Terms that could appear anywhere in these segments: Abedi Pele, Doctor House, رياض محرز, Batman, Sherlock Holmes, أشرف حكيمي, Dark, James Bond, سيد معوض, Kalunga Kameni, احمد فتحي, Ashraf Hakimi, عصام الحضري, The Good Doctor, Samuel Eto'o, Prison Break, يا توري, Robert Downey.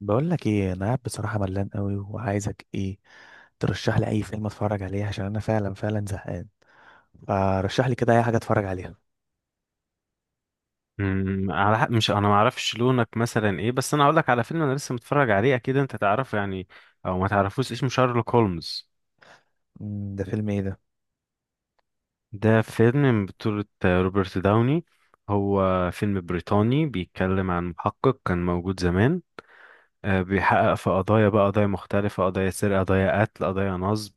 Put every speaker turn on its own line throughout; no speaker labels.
بقول لك ايه، انا قاعد بصراحه ملان قوي وعايزك ايه ترشح لي اي فيلم اتفرج عليه عشان انا فعلا فعلا زهقان. فرشح لي كده اي حاجه اتفرج عليها.
على حق، مش انا ما اعرفش لونك مثلا ايه، بس انا اقول لك على فيلم انا لسه متفرج عليه، اكيد انت تعرفه يعني او ما تعرفوش. اسمه شارلوك هولمز.
ده فيلم ايه ده؟
ده فيلم من بطولة روبرت داوني. هو فيلم بريطاني بيتكلم عن محقق كان موجود زمان. بيحقق في قضايا بقى، قضايا مختلفة، قضايا سرقة، قضايا قتل، قضايا نصب.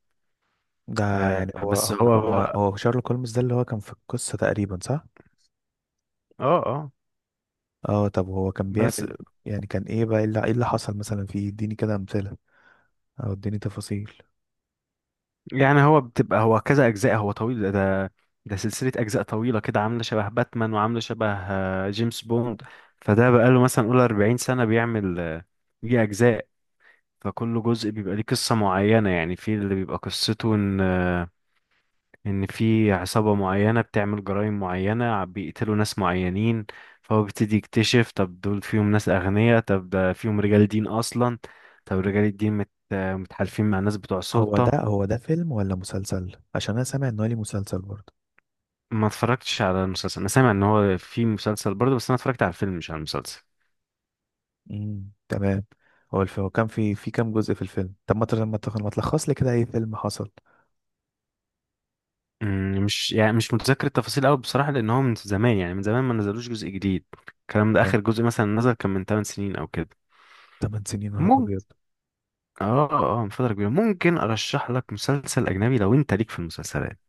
ده يعني هو
بس
هو
هو
هو
بقى.
هو شارلوك هولمز، ده اللي هو كان في القصه تقريبا صح؟
اه اه
اه، طب هو كان
بس.
بيعمل؟ يعني كان ايه بقى، ايه اللي حصل مثلا فيه؟ اديني كده امثله او اديني تفاصيل.
يعني هو بتبقى هو كذا اجزاء، هو طويل. ده ده سلسله اجزاء طويله كده، عامله شبه باتمان وعامله شبه جيمس بوند. فده بقاله مثلا قول 40 سنه بيعمل دي اجزاء. فكل جزء بيبقى ليه قصه معينه، يعني في اللي بيبقى قصته ان ان في عصابه معينه بتعمل جرائم معينه، بيقتلوا ناس معينين. فهو بيبتدي يكتشف، طب دول فيهم ناس اغنياء، طب ده فيهم رجال دين اصلا، طب رجال الدين مت آه، متحالفين مع ناس بتوع
هو ده
سلطه.
هو ده فيلم ولا مسلسل؟ عشان انا سامع ان هو ليه مسلسل برضه.
ما اتفرجتش على المسلسل، انا سامع ان هو في مسلسل برضه، بس انا اتفرجت على الفيلم مش على المسلسل.
امم، تمام. هو الفيلم كان في كام جزء في الفيلم؟ طب ما تر- ما تخ- ما تلخص لي كده اي فيلم حصل.
مش يعني مش متذكر التفاصيل قوي بصراحة، لان هو من زمان، يعني من زمان ما نزلوش جزء جديد. الكلام ده،
تمام،
اخر جزء مثلا نزل كان من 8 سنين او كده.
تمن سنين نهار
ممكن.
ابيض.
اه من فترة كبيرة، ممكن ارشح لك مسلسل اجنبي لو انت ليك في المسلسلات.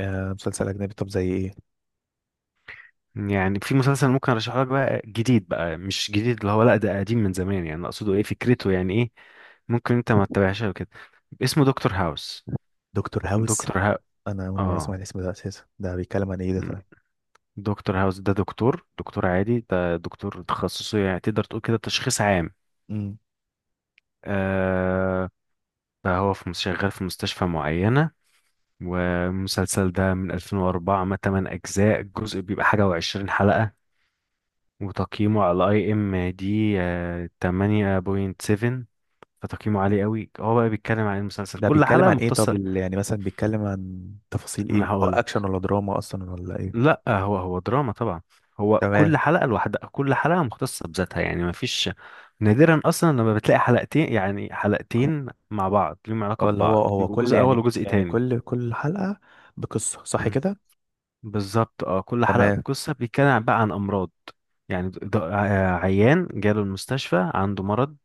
آه، مسلسل اجنبي؟ طب زي ايه؟
يعني في مسلسل ممكن ارشحه لك بقى، جديد بقى مش جديد، اللي هو لا ده قديم من زمان يعني. اقصده ايه؟ فكرته يعني ايه؟ ممكن انت ما تتابعهاش أو كده. اسمه دكتور هاوس.
دكتور هاوس.
دكتور ها
انا اول مره اسمع
اه
الاسم ده اساسا، ده بيتكلم عن ايه ده؟ طيب.
دكتور هاوس ده دكتور عادي، ده دكتور تخصصه يعني تقدر تقول كده تشخيص عام.
امم.
آه فهو شغال في مستشفى معينة. والمسلسل ده من 2004، ما 8 أجزاء، الجزء بيبقى حاجة وعشرين حلقة. وتقييمه على IMDb 8.7. فتقييمه عالي قوي. هو بقى بيتكلم عن المسلسل،
ده
كل
بيتكلم
حلقة
عن ايه؟ طب
مختصة.
يعني مثلا بيتكلم عن تفاصيل
ما انا
ايه، او
هقول.
اكشن ولا دراما اصلا ولا ايه؟
لا، هو دراما طبعا. هو كل
تمام.
حلقة لوحدها، كل حلقة مختصة بذاتها يعني ما فيش. نادرا اصلا لما بتلاقي حلقتين، يعني حلقتين مع بعض ليهم علاقة
اه، اللي هو
ببعض،
هو
بيبقوا
كل،
جزء اول
يعني
وجزء
يعني
تاني.
كل حلقة بقصة، صح
مم.
كده؟
بالظبط، اه، كل حلقة
تمام.
بقصة، بيتكلم بقى عن امراض. يعني عيان جاله المستشفى عنده مرض،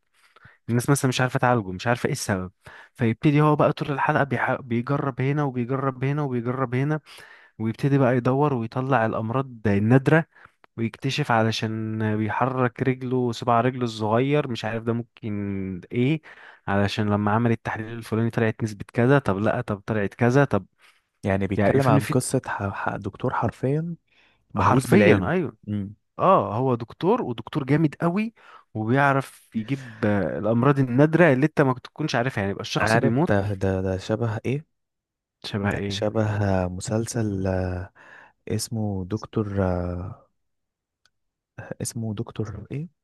الناس مثلا مش عارفة تعالجه، مش عارفة ايه السبب. فيبتدي هو بقى طول الحلقة بيجرب هنا وبيجرب هنا وبيجرب هنا، ويبتدي بقى يدور ويطلع الأمراض النادرة، ويكتشف علشان بيحرك رجله، صباع رجله الصغير، مش عارف ده ممكن ايه، علشان لما عمل التحليل الفلاني طلعت نسبة كذا، طب لا، طب طلعت كذا، طب
يعني
يعني
بيتكلم
فين
عن
في.
قصة دكتور حرفيا مهووس
حرفيا
بالعلم.
ايوه.
امم.
اه هو دكتور، ودكتور جامد قوي. وبيعرف يجيب الامراض النادرة اللي انت ما تكونش عارفها، يعني يبقى الشخص
عارف،
بيموت.
ده شبه ايه؟
شبه
ده
ايه؟
شبه مسلسل، اسمه دكتور، اسمه دكتور ايه؟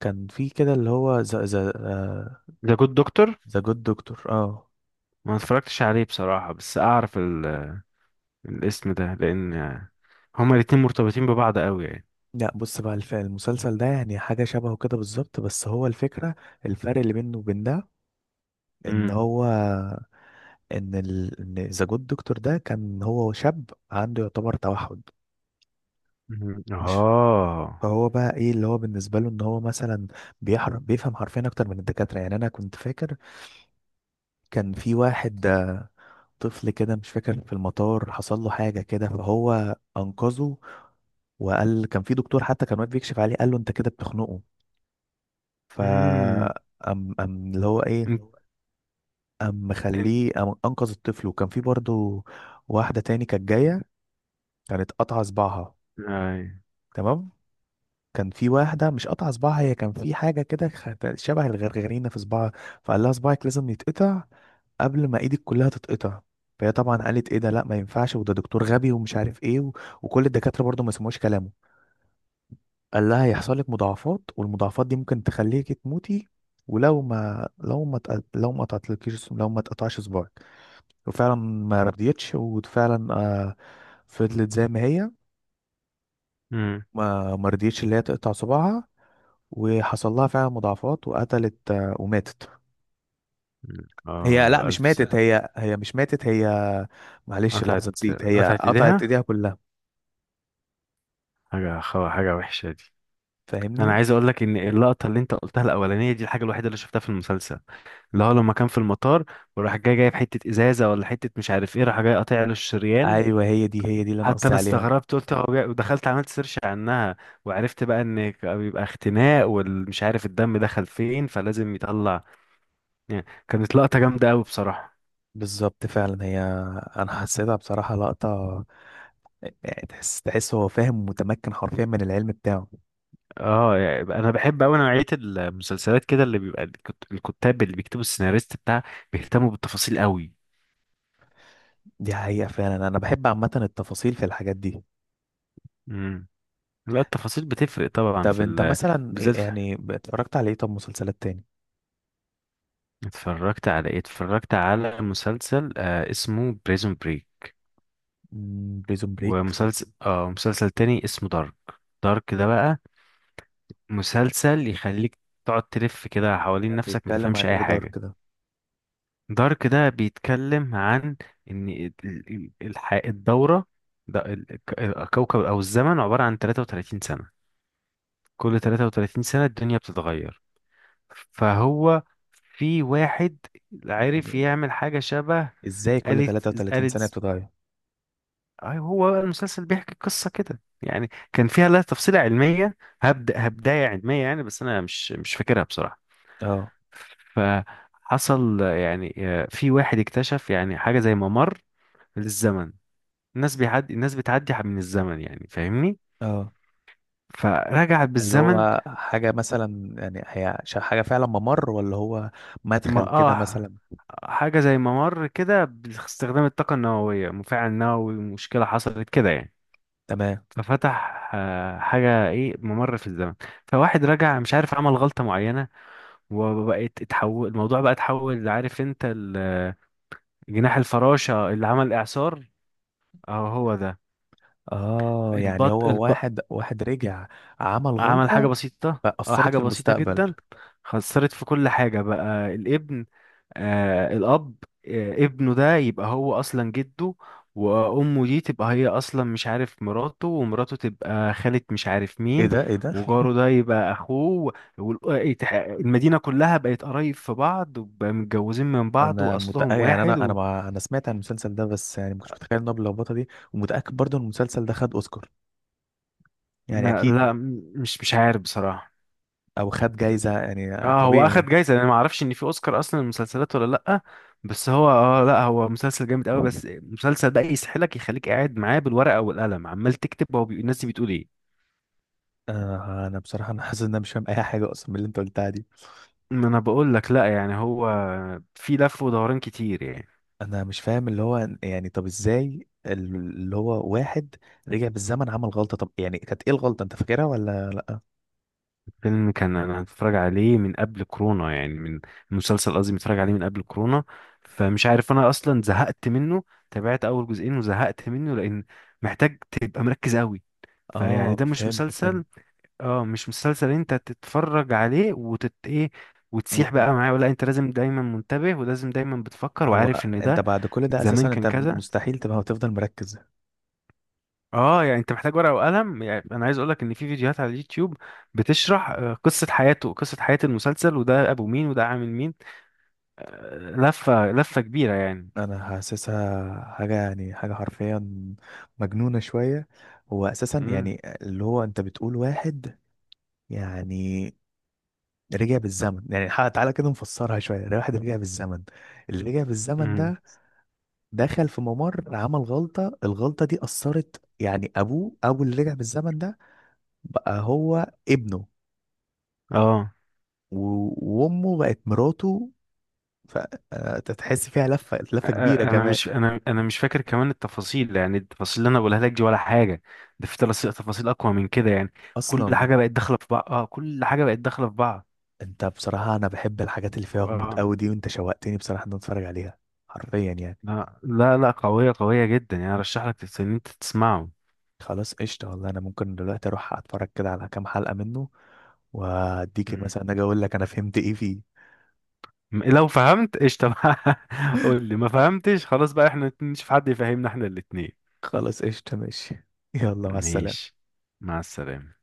كان في كده اللي هو
ذا جود دكتور.
ذا جود دكتور، اه.
ما اتفرجتش عليه بصراحة، بس اعرف الاسم ده، لان هما الاتنين مرتبطين ببعض قوي يعني.
لا، بص بقى، المسلسل ده يعني حاجة شبهه كده بالظبط، بس هو الفكرة. الفرق اللي بينه وبين ده، ان
مم.
هو ان ذا جود دكتور ده كان هو شاب عنده يعتبر توحد.
مم.
مش،
اه.
فهو بقى ايه اللي هو بالنسبه له، ان هو مثلا بيفهم حرفيا اكتر من الدكاتره. يعني انا كنت فاكر كان في واحد، طفل كده، مش فاكر، في المطار حصل له حاجه كده فهو انقذه. وقال كان في دكتور حتى كان واقف بيكشف عليه قال له انت كده بتخنقه. ف
امم
ام ام اللي هو ايه،
انت هو. انت.
مخليه، انقذ الطفل. وكان في برضه واحده تاني كانت جايه، كانت قطعه صباعها.
اي.
تمام. كان في واحدة مش قطع صباعها، هي كان في حاجة كده شبه الغرغرينة في صباعها. فقال لها صباعك لازم يتقطع قبل ما ايدك كلها تتقطع. فهي طبعا قالت ايه ده، لا ما ينفعش، وده دكتور غبي ومش عارف ايه وكل الدكاترة برضه ما سمعوش كلامه. قال لها هيحصل لك مضاعفات، والمضاعفات دي ممكن تخليكي تموتي ولو ما لو ما تق... لو ما قطعتلكيش لو ما تقطعش صباعك. وفعلا ما رضيتش، وفعلا فضلت زي ما هي.
امم
ما رضيتش اللي هي تقطع صباعها. وحصل لها فعلا مضاعفات، وقتلت آه، وماتت. هي لا،
اه،
مش
الف
ماتت
سنة.
هي، مش ماتت هي. معلش،
قطعت
لحظة، نسيت. هي
قطعت
قطعت
ايديها.
ايديها كلها،
حاجة وحشة دي. انا
فاهمني؟
عايز اقول لك ان اللقطة اللي انت قلتها الاولانية دي الحاجة الوحيدة اللي شفتها في المسلسل، اللي هو لما كان في المطار، وراح جاي جايب حتة ازازة ولا حتة مش عارف ايه، راح جاي قاطع له الشريان.
ايوه، هي دي اللي انا
حتى
قصدي
انا
عليها.
استغربت، قلت هو ودخلت عملت سيرش عنها، وعرفت بقى ان بيبقى اختناق، والمش عارف الدم دخل فين فلازم يطلع. يعني كانت لقطة جامدة قوي بصراحة.
بالظبط، فعلا هي. انا حسيتها بصراحة لقطة، يعني تحس هو فاهم، متمكن حرفيا من العلم بتاعه.
اه يعني انا بحب قوي نوعيه المسلسلات كده، اللي بيبقى الكتاب اللي بيكتبوا السيناريست بتاع، بيهتموا بالتفاصيل قوي.
دي حقيقة، فعلا انا بحب عامة التفاصيل في الحاجات دي.
امم لا، التفاصيل بتفرق طبعا
طب
في
انت
ال...
مثلا،
بالذات في...
يعني اتفرجت على ايه؟ طب مسلسلات تاني؟
اتفرجت على ايه؟ اتفرجت على مسلسل اسمه بريزون بريك،
بريزون بريك.
ومسلسل مسلسل تاني اسمه دارك. دارك ده بقى مسلسل يخليك تقعد تلف كده حوالين نفسك ما
بيتكلم عن
تفهمش اي
ايه دارك
حاجه.
ده؟
دارك ده بيتكلم عن ان الدورة، ده الكوكب او الزمن عبارة عن 33 سنة. كل 33 سنة الدنيا بتتغير. فهو في واحد عرف
يعني
يعمل حاجة شبه
ازاي كل
آلة.
33
آلة
سنة
ز-
بتتغير؟
أي هو بقى المسلسل بيحكي قصة كده يعني، كان فيها لها تفصيلة علمية، هبداية علمية يعني، بس أنا مش فاكرها بصراحة.
اه،
فحصل يعني في واحد اكتشف يعني حاجة زي ممر للزمن. الناس بتعدي من الزمن، يعني فاهمني.
اه.
فرجعت
اللي
بالزمن.
هو حاجة مثلا، يعني هي حاجة فعلا ممر، ولا هو مدخل
ما
كده
اه
مثلا؟
حاجة زي ممر كده، باستخدام الطاقة النووية، مفاعل نووي، مشكلة حصلت كده يعني.
تمام.
ففتح حاجة، ايه، ممر في الزمن. فواحد رجع مش عارف عمل غلطة معينة، وبقت اتحول الموضوع بقى اتحول، عارف انت جناح الفراشة اللي عمل اعصار، اهو هو ده.
اه، يعني
البط...
هو واحد رجع، عمل
عمل حاجة
غلطة
بسيطة، اه
فأثرت
حاجة
في
بسيطة
المستقبل.
جدا. خسرت في كل حاجة بقى، الابن، الأب، ابنه ده يبقى هو أصلا جده، وأمه دي تبقى هي أصلا مش عارف مراته، ومراته تبقى خالة مش عارف
ايه
مين،
ده، ايه ده!
وجاره ده يبقى أخوه، المدينة كلها بقت قرايب في بعض، وبقى متجوزين من بعض،
انا
وأصلهم
متأكد، يعني
واحد و...
انا سمعت عن المسلسل ده، بس يعني ما كنتش متخيل انه باللخبطه دي، ومتأكد برضو ان المسلسل ده خد اوسكار، يعني اكيد.
لا، مش عارف بصراحة.
او خد جايزة يعني
اه هو اخد
طبيعي.
جايزة، انا ما اعرفش ان في اوسكار اصلا للمسلسلات ولا لا. بس هو لا، هو مسلسل جامد قوي، بس المسلسل ده يسحلك، يخليك قاعد معاه بالورقة والقلم عمال تكتب هو الناس دي بتقول ايه.
انا بصراحه انا حاسس ان انا مش فاهم اي حاجه اصلا من اللي انت قلتها دي.
ما انا بقول لك لا يعني هو، في لف ودوران كتير يعني.
انا مش فاهم اللي هو، يعني طب ازاي اللي هو واحد رجع بالزمن، عمل غلطه؟ طب يعني كانت ايه الغلطه، انت فاكرها ولا لا؟
فيلم كان انا هتفرج عليه من قبل كورونا يعني، من المسلسل قصدي متفرج عليه من قبل كورونا. فمش عارف، انا اصلا زهقت منه، تابعت اول جزئين وزهقت منه، لان محتاج تبقى مركز قوي. فيعني
اه
ده مش
فهمت، فهمت.
مسلسل، اه مش مسلسل انت تتفرج عليه ايه،
و-
وتسيح
و-
بقى معاه، ولا انت لازم دايما منتبه ولازم دايما بتفكر
هو
وعارف ان
انت
ده
بعد كل ده
زمان
اساسا،
كان
انت
كذا.
مستحيل تبقى وتفضل مركز.
اه يعني انت محتاج ورقة وقلم، يعني انا عايز اقولك ان في فيديوهات على اليوتيوب بتشرح قصة حياته، قصة حياة المسلسل، وده ابو مين وده عامل مين، لفة لفة كبيرة يعني.
انا حاسسها حاجه، يعني حاجه حرفيا مجنونه شويه. هو اساسا
امم
يعني، اللي هو انت بتقول واحد يعني رجع بالزمن، يعني تعالى كده نفسرها شوية. الواحد رجع بالزمن، اللي رجع بالزمن
امم
ده دخل في ممر، عمل غلطة، الغلطة دي أثرت، يعني أبوه، أبو اللي رجع بالزمن ده بقى هو ابنه.
اه.
وأمه بقت مراته. فتحس فيها لفة لفة كبيرة
انا
كمان.
مش انا انا مش فاكر كمان التفاصيل، يعني التفاصيل اللي انا بقولها لك دي ولا حاجه، ده في تفاصيل اقوى من كده يعني. كل
أصلا.
حاجه بقت داخله في بعض، اه كل حاجه بقت داخله في بعض.
أنت بصراحة، أنا بحب الحاجات اللي فيها غموض
اه،
أوي دي، وأنت شوقتني بصراحة إن أنا أتفرج عليها. حرفيا يعني.
لا لا لا، قويه قويه جدا يعني، ارشح لك ان انت تسمعه.
خلاص قشطة. والله أنا ممكن دلوقتي أروح أتفرج كده على كام حلقة منه، وأديك
مم.
مثلا أجي أقول لك أنا فهمت إيه فيه.
لو فهمت قشطه بقى قول لي، ما فهمتش خلاص بقى احنا نشوف حد يفهمنا احنا الاتنين.
خلاص قشطة ماشي. يلا مع السلامة.
ماشي، مع السلامه.